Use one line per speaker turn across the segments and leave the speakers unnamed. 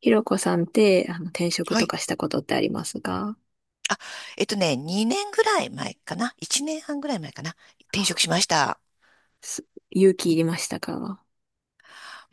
ひろこさんって、転職
は
と
い。
かしたことってありますか？
あ、2年ぐらい前かな。1年半ぐらい前かな。転職しました。
す勇気いりましたか？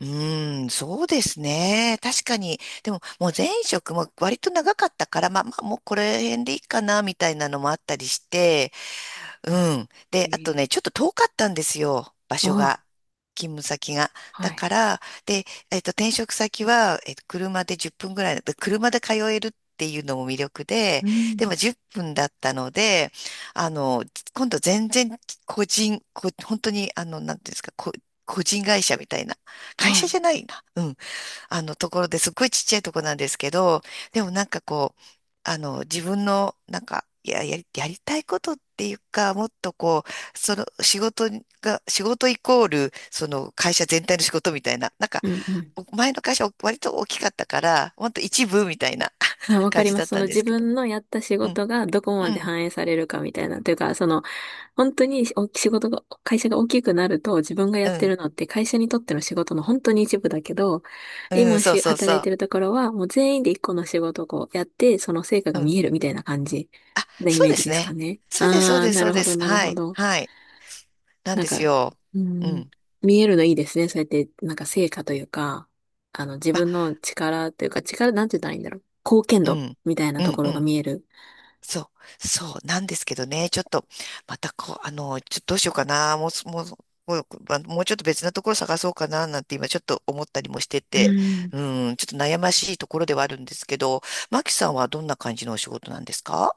そうですね。確かに。でも、もう前職も割と長かったから、まあまあ、もうこれ辺でいいかな、みたいなのもあったりして、う
え
で、あと
ー
ね、ちょっと遠かったんですよ、場所
あ
が。勤務先が。
あ、は
だか
い。
ら、で、えっと、転職先は、車で10分ぐらいだった車で通えるっていうのも魅力で、でも10分だったので、あの、今度全然個人、こ、本当に、なんていうんですか、個人会社みたいな。会
は
社
い。
じゃないな。うん。ところですっごいちっちゃいとこなんですけど、でもなんかこう、自分の、なんか、いや、やりたいことっていうか、もっとこう、その仕事が、仕事イコール、その会社全体の仕事みたいな、なんか、
うんうん。
前の会社割と大きかったから、ほんと一部みたいな
まあ、わか
感
り
じ
ま
だ
す。
っ
そ
た
の
んで
自
すけど。
分のやった仕
うん、
事がどこ
う
まで
ん、
反映されるかみたいな。というか、その、本当にお仕事が、会社が大きくなると自分がやっ
う
て
ん、
るのって会社にとっての仕事の本当に一部だけど、
うん、そうそう
働い
そ
てるところはもう全員で一個の仕事をこうやって、その成果
う。
が
うん、
見えるみたいな感じなイ
そう
メー
で
ジ
す
ですか
ね。
ね。
そうです、そう
ああ、
です、
な
そう
るほ
で
ど、
す。
なる
は
ほ
い、
ど。
はい。なん
なん
で
か、
すよ。
う
う
ん、
ん、
見えるのいいですね。そうやって、なんか成果というか、あの、自分の力というか、力、なんて言ったらいいんだろう。貢献
う
度
ん、
みたいな
う
と
ん、
こ
う
ろが
ん。
見える。
そそうなんですけどね、ちょっと、またこう、ちょっとどうしようかな、もうす、もう、もう、まもうちょっと別なところ探そうかな、なんて今ちょっと思ったりもして
う
て、
ん。
うん、ちょっと悩ましいところではあるんですけど、マキさんはどんな感じのお仕事なんですか？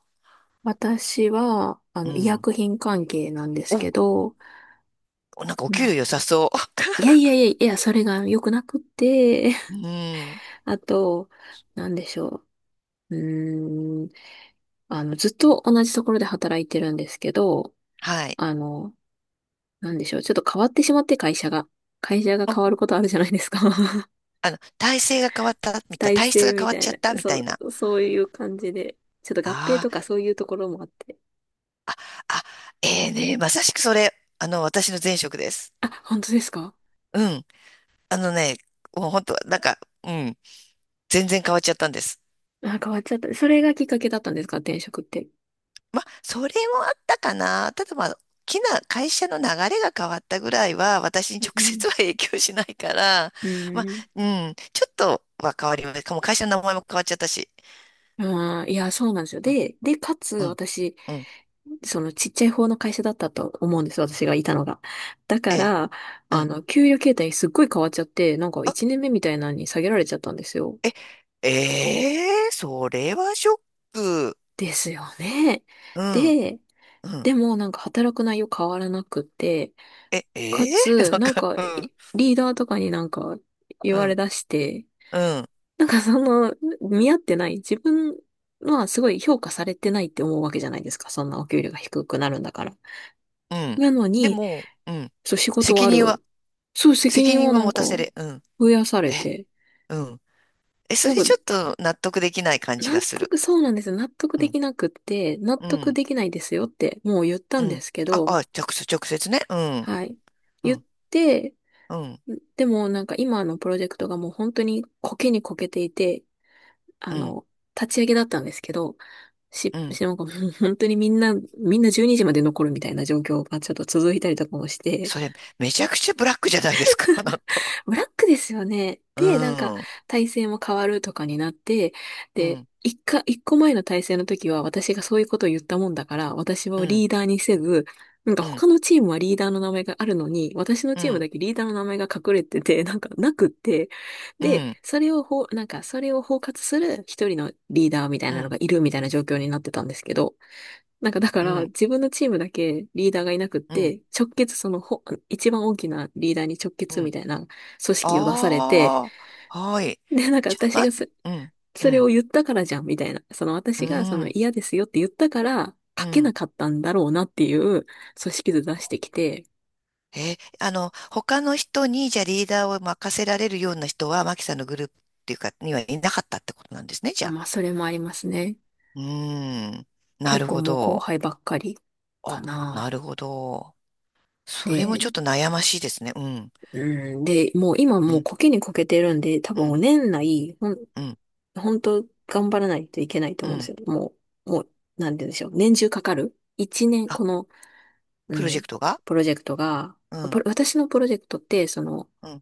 私は、あ
う
の、医
ん。
薬品関係なんです
お、
けど、
なんかお
ま
給料
あ、
良さそ
いやいやいやいや、それが良くなくって、
う。うん、
あと、なんでしょう。うーん、あの、ずっと同じところで働いてるんですけど、
はい。
あの、なんでしょう。ちょっと変わってしまって、会社が。会社が
お、
変わることあるじゃないですか。
体制が変わった、みたい、
体
体質
制
が
み
変わっ
た
ち
い
ゃっ
な。
た、みたい
そ
な。
う、そういう感じで。ちょっと合併
あ
とかそういうところもあって。
あ、あ、ええね、まさしくそれ、私の前職です。
あ、本当ですか？
うん。あのね、もう本当、なんか、うん、全然変わっちゃったんです。
あ、変わっちゃった。それがきっかけだったんですか、転職って。
まあ、それもあったかな。ただまあ、大きな会社の流れが変わったぐらいは、私に
う
直接
ん
は影響しないから、
う
まあ、
ん。
うん、ちょっとは変わります。もう会社の名前も変わっちゃったし。
ああいや、そうなんですよ。
うん、
で、で、かつ、
うん、
私、
うん
そのちっちゃい方の会社だったと思うんです、私がいたのが。だか
ええ、
ら、
う
あ
ん。
の、給与形態すっごい変わっちゃって、なんか
あ、
1年目みたいなのに下げられちゃったんですよ。
え、ええそれはショック。
ですよね。
うん、
で、
うん。
でもなんか働く内容変わらなくて、か
ええ
つ、
なん
なん
か、
かいリーダーとかになんか言
う
われ
ん、
出して、
うん、
なんかその、見合ってない、自分はすごい評価されてないって思うわけじゃないですか。そんなお給料が低くなるんだから。
うん。
なの
で
に、
も、うん。
そう仕事は
責
あ
任は
る。そう責
責
任を
任を
なん
持
か
たせれ。うん。
増やされ
え、
て、
うん。え、そ
な
れ
ん
ちょ
か
っと納得できない感じ
納
がする。
得、そうなんですよ。納得
う
で
ん。
きなくって、納
う
得
ん。
できないですよってもう言った
う
んで
ん。
すけ
あ、
ど、
あ、直直接ね。うん。
はい。
う
言っ
ん。
て、
うん。
でもなんか今のプロジェクトがもう本当にコケにこけていて、あ
うん。
の、立ち上げだったんですけど、
うん。
なんかもう本当にみんな12時まで残るみたいな状況がちょっと続いたりとかもして、
それ、めちゃくちゃブラックじゃないですか、なんか。
ブラックですよね。
う
で、なんか、
ん。う
体勢も変わるとかになって、で、
ん。
一個前の体制の時は私がそういうことを言ったもんだから、私
う
を
ん。
リーダーにせず、なんか
うん。
他のチームはリーダーの名前があるのに、私の
う
チーム
ん。
だけリーダーの名前が隠れてて、なんかなくって、
う
で、
ん。
それをほう、なんかそれを包括する一人のリーダーみたい
う
なの
ん。
がいるみたいな状況になってたんですけど、なんかだか
う
ら
ん。
自分のチームだけリーダーがいなくっ
うん。
て、直結そのほ、一番大きなリーダーに直
う
結み
ん。
たいな組織を出されて、
あはい。
で、なんか
じゃ、
私
ま、
がそ、
うん。う
それを
ん。
言ったからじゃんみたいな、その
う
私がその
ん。
嫌ですよって言ったから
う
書けな
ん。
かったんだろうなっていう組織図出してきて、
他の人に、じゃあリーダーを任せられるような人は、マキさんのグループっていうか、にはいなかったってことなんですね、じ
あ、
ゃあ。
まあそれもありますね。
うーん。な
結
る
構
ほ
もう後
ど。
輩ばっかりか
あ、な
な。
るほど。それもちょっ
で、
と悩ましいですね。うん。
うん、で、もう今
う
もう
ん。
こけにこけてるんで、多
うん。
分年内、
うん。
本当頑張らないといけないと
う
思うんで
ん。
すよ。もう、もう、なんて言うんでしょう。年中かかる。一年、
あ、
この、う
プロジェ
ん、
クトが？
プロジェクトが、
うん。
私のプロジェクトって、その、
うん。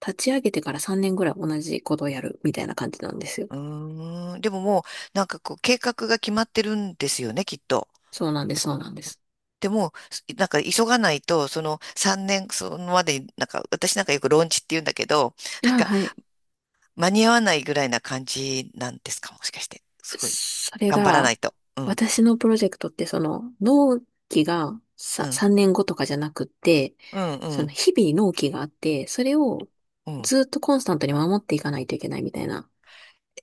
立ち上げてから3年ぐらい同じことをやるみたいな感じなんですよ。
うーん。でももう、なんかこう、計画が決まってるんですよね、きっと。
そうなんです、そうなんです。
でも、なんか急がないと、その3年、そのまでに、なんか、私なんかよくローンチって言うんだけど、
あ、はい。
間に合わないぐらいな感じなんですか、もしかして。すごい。
それ
頑張らな
が、
いと。うん、
私のプロジェクトって、その、納期が
う
さ
ん、
3年後とかじゃなくって、
うん、う
その、
ん、
日々納期があって、それを
うん。
ずっとコンスタントに守っていかないといけないみたいな、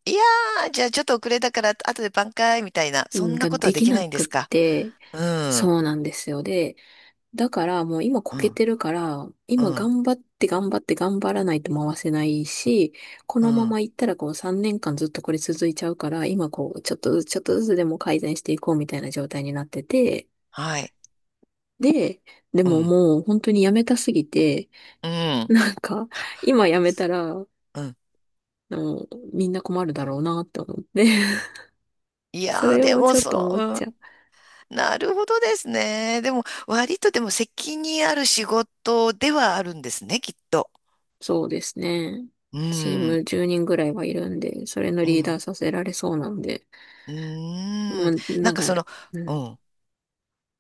いやー、じゃあちょっと遅れたから、後で挽回みたいな、
う
そ
ん
んな
が
ことは
で
で
き
き
な
ないんで
くっ
すか。
て、
うん、
そうなんですよ。で、だからもう今こ
う
け
ん、
てるから、
う
今
ん、
頑張って頑張って頑張らないと回せないし、こ
う
のま
ん、
ま行ったらこう3年間ずっとこれ続いちゃうから、今こうちょっとずつちょっとずつでも改善していこうみたいな状態になってて、
はい、
で、で
う
も
ん、
もう本当にやめたすぎて、
うん、
なんか今やめたら、あ
うん。
のみんな困るだろうなって思って、
い
そ
やー、
れ
で
も
も
ちょっと
そ
思
う、
っ
う
ち
ん。
ゃう。
なるほどですね。でも、割とでも責任ある仕事ではあるんですね、きっと。
そうですね。
う
チー
ん、
ム10人ぐらいはいるんで、それの
う
リーダ
ん、
ーさせられそうなんで、
うー
も
ん。
う
な
な
ん
ん
か
か、
その、
うん、
う
だか
ん。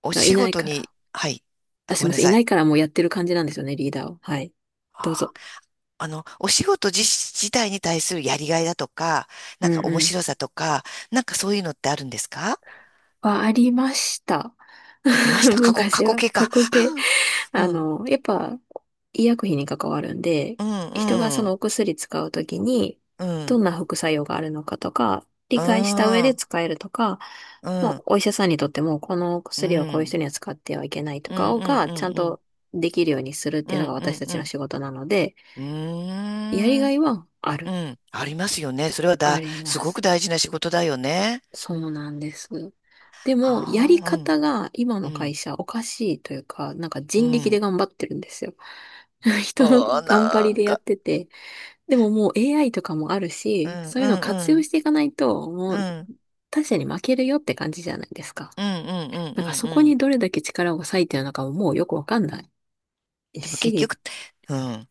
お
らい
仕
ない
事
から。
に、はい。あ、
あ、す
ご
い
め
ま
んな
せん、い
さ
な
い。
いからもうやってる感じなんですよね、リーダーを。はい。どうぞ。
あお仕事自体に対するやりがいだとか、な
う
んか
ん
面
うん。
白さとか、なんかそういうのってあるんですか？
はありました。
ありました。過去、過
昔
去
は。
形
過
か。
去形。
う
あ
ん、
の、やっぱ、医薬品に関わるんで、
うん、
人がそ
う
の
ん、
お薬使うときに、
う
ど
ん、
んな副作用があるのかとか、
う
理解した上で
ん、
使えるとか、
うん、
も
う
う
ん、
お医者さんにとっても、この
う
薬をこういう
ん、
人には使ってはいけない
う
と
ん、
かを
うん、
が、ちゃん
うん、
とできるようにするっ
う
ていうのが
ん、うん、
私た
う
ち
ん、
の
う
仕事なので、
ー
やりが
ん、
いはあ
う
る、
ん、ありますよね。それは
あ
だ、
り
す
ま
ごく
す。
大事な仕事だよね。
そうなんです。でも、や
あ
り
あ、うん、
方が今
う
の会
ん、
社おかしいというか、なんか
う
人力で
ん。
頑張ってるんですよ。人の
ああ、
頑張
な
り
ん
でやっ
か、
てて。でももう AI とかもある
う
し、
ん、う
そういうのを活
ん、う
用
ん、
していかないと、も
う
う
ん、
他社に負けるよって感じじゃないですか。
うん、うん、うん、
なん
う
か
ん。
そこ
うん。
にどれだけ力を割いてるのかももうよくわかんない
でも結
し、
局、うん、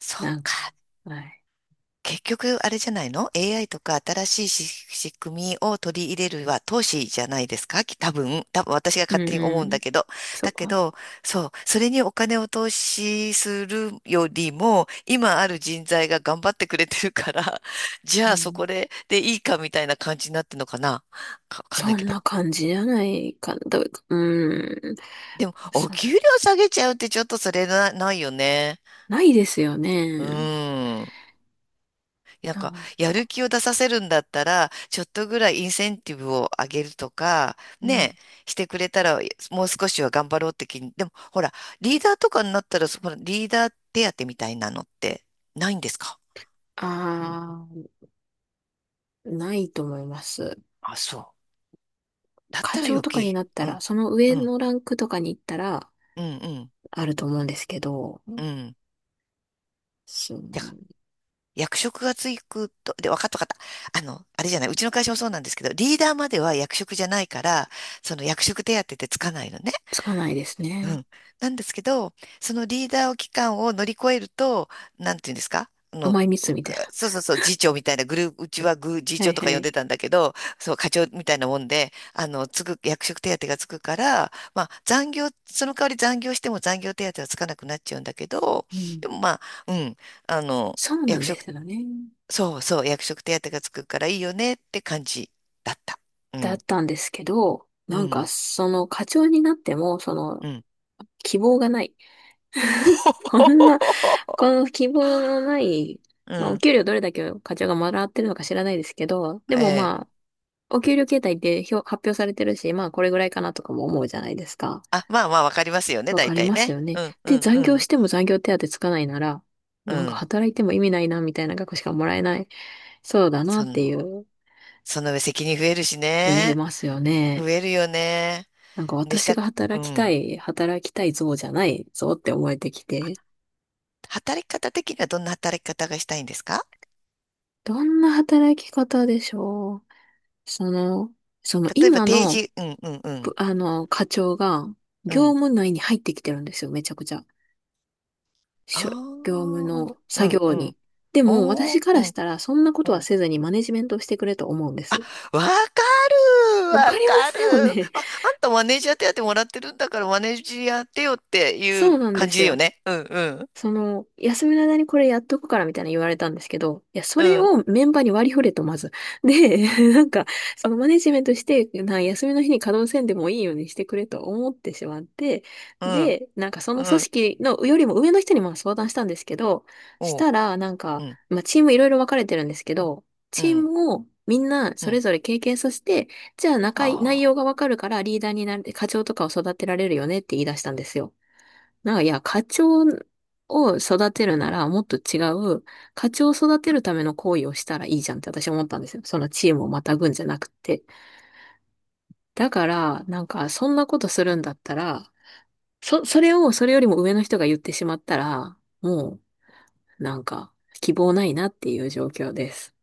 そっ
なん
か。
か、はい。
結局、あれじゃないの？ AI とか新しいし仕組みを取り入れるは投資じゃないですかき多分、多分私が
うん
勝手に
う
思うん
ん。
だけど。
そう
だけ
か。
ど、そう、それにお金を投資するよりも、今ある人材が頑張ってくれてるから、じ
う
ゃあそ
ん、
こで、でいいかみたいな感じになってるのかな、かわかんな
そ
いけ
ん
ど。
な感じじゃないかな。どううん。
でも、お
そ
給料下げちゃうってちょっとそれな、ないよね。
ないですよ
う
ね。
ん。なんか、
あ
やる気を出させるんだったら、ちょっとぐらいインセンティブを上げるとか、
うん。
ね、してくれたら、もう少しは頑張ろうって気に。でも、ほら、リーダーとかになったら、そのリーダー手当みたいなのってないんですか？
ああ、ないと思います。
あ、そう。だっ
課
たら
長
余
とかに
計。
なった
う
ら、
ん、
その上
うん、
のランクとかに行ったら、
うん、うん、
あると思うんですけど、
うん。
そう
だ役職がつくと、で、わかったわかった。あれじゃない、うちの会社もそうなんですけど、リーダーまでは役職じゃないから、その役職手当ってつかないのね。
つかないです
う
ね。
ん。なんですけど、そのリーダー期間を乗り越えると、なんていうんですか、
甘い蜜みたい
そうそうそう、次長みたいなグループ、うちはグー、次
な。は
長
い
と
は
か呼ん
い。
でたんだけど、そう、課長みたいなもんで、役職手当がつくから、その代わり残業しても残業手当はつかなくなっちゃうんだけど、
うん。
でもまあ、うん、あの、
そうなん
役
で
職
すよね。
そうそう、役職手当がつくからいいよねって感じだった。う
だっ
ん、
たんですけど、
う
なんか
ん、
その課長になっても、その
うん。
希望がない。こんな、こ の希望のない、
う
まあお
ん、
給料どれだけ課長がもらってるのか知らないですけど、で
え
もまあ
え。
お給料形態って表、発表されてるし、まあこれぐらいかなとかも思うじゃないですか。
あ、まあまあ、わかりますよね、
わ
大
かり
体
ます
ね。
よね。
うん、う
で、
ん、う
残業し
ん、
ても残業手当つかないなら、
う
なんか
ん。
働いても意味ないなみたいな額しかもらえない。そうだな
そ
って
の、
いう、
その上責任増えるし
増え
ね。
ますよね。
増えるよね。
なんか
でし
私
た、
が
う
働きた
ん。
い、働きたい像じゃない像って思えてきて。
働き方的にはどんな働き方がしたいんですか？
どんな働き方でしょう？その、その
例えば
今
定
の、
時、うん、うん、う
あの、課長が
ん、う
業
ん。
務内に入ってきてるんですよ、めちゃくちゃ。
あ
しょ業
あ、
務の
う
作
ん、
業
うん。
に。でも、
お
私
ー、
か
う
らし
ん、
たら、そんなこ
う
とは
ん。
せずにマネジメントをしてくれと思うんです。
わかる、
わか
わ
りま
か
す
る。
よね。
あ、あんたマネージャー手当もらってるんだからマネージャー手よってい
そう
う
なんで
感じ
す
だよ
よ。
ね。うんうん。
その、休みの間にこれやっとくからみたいな言われたんですけど、いや、そ
う
れ
ん
をメンバーに割り振れと、まず。で、なんか、そのマネジメントして、休みの日に稼働せんでもいいようにしてくれと思ってしまって、
うん
で、なんかそ
う
の組
ん。
織のよりも上の人にも相談したんですけど、し
おう。
たら、なん
う
か、
ん
まあ、チームいろいろ分かれてるんですけど、
う
チー
ん
ムをみんな
う
それ
ん。
ぞれ経験させて、じゃあ内
あ
容
あ。
が分かるからリーダーになれて課長とかを育てられるよねって言い出したんですよ。なんか、いや、課長を育てるなら、もっと違う、課長を育てるための行為をしたらいいじゃんって私は思ったんですよ。そのチームをまたぐんじゃなくて。だから、なんか、そんなことするんだったら、それを、それよりも上の人が言ってしまったら、もう、なんか、希望ないなっていう状況です。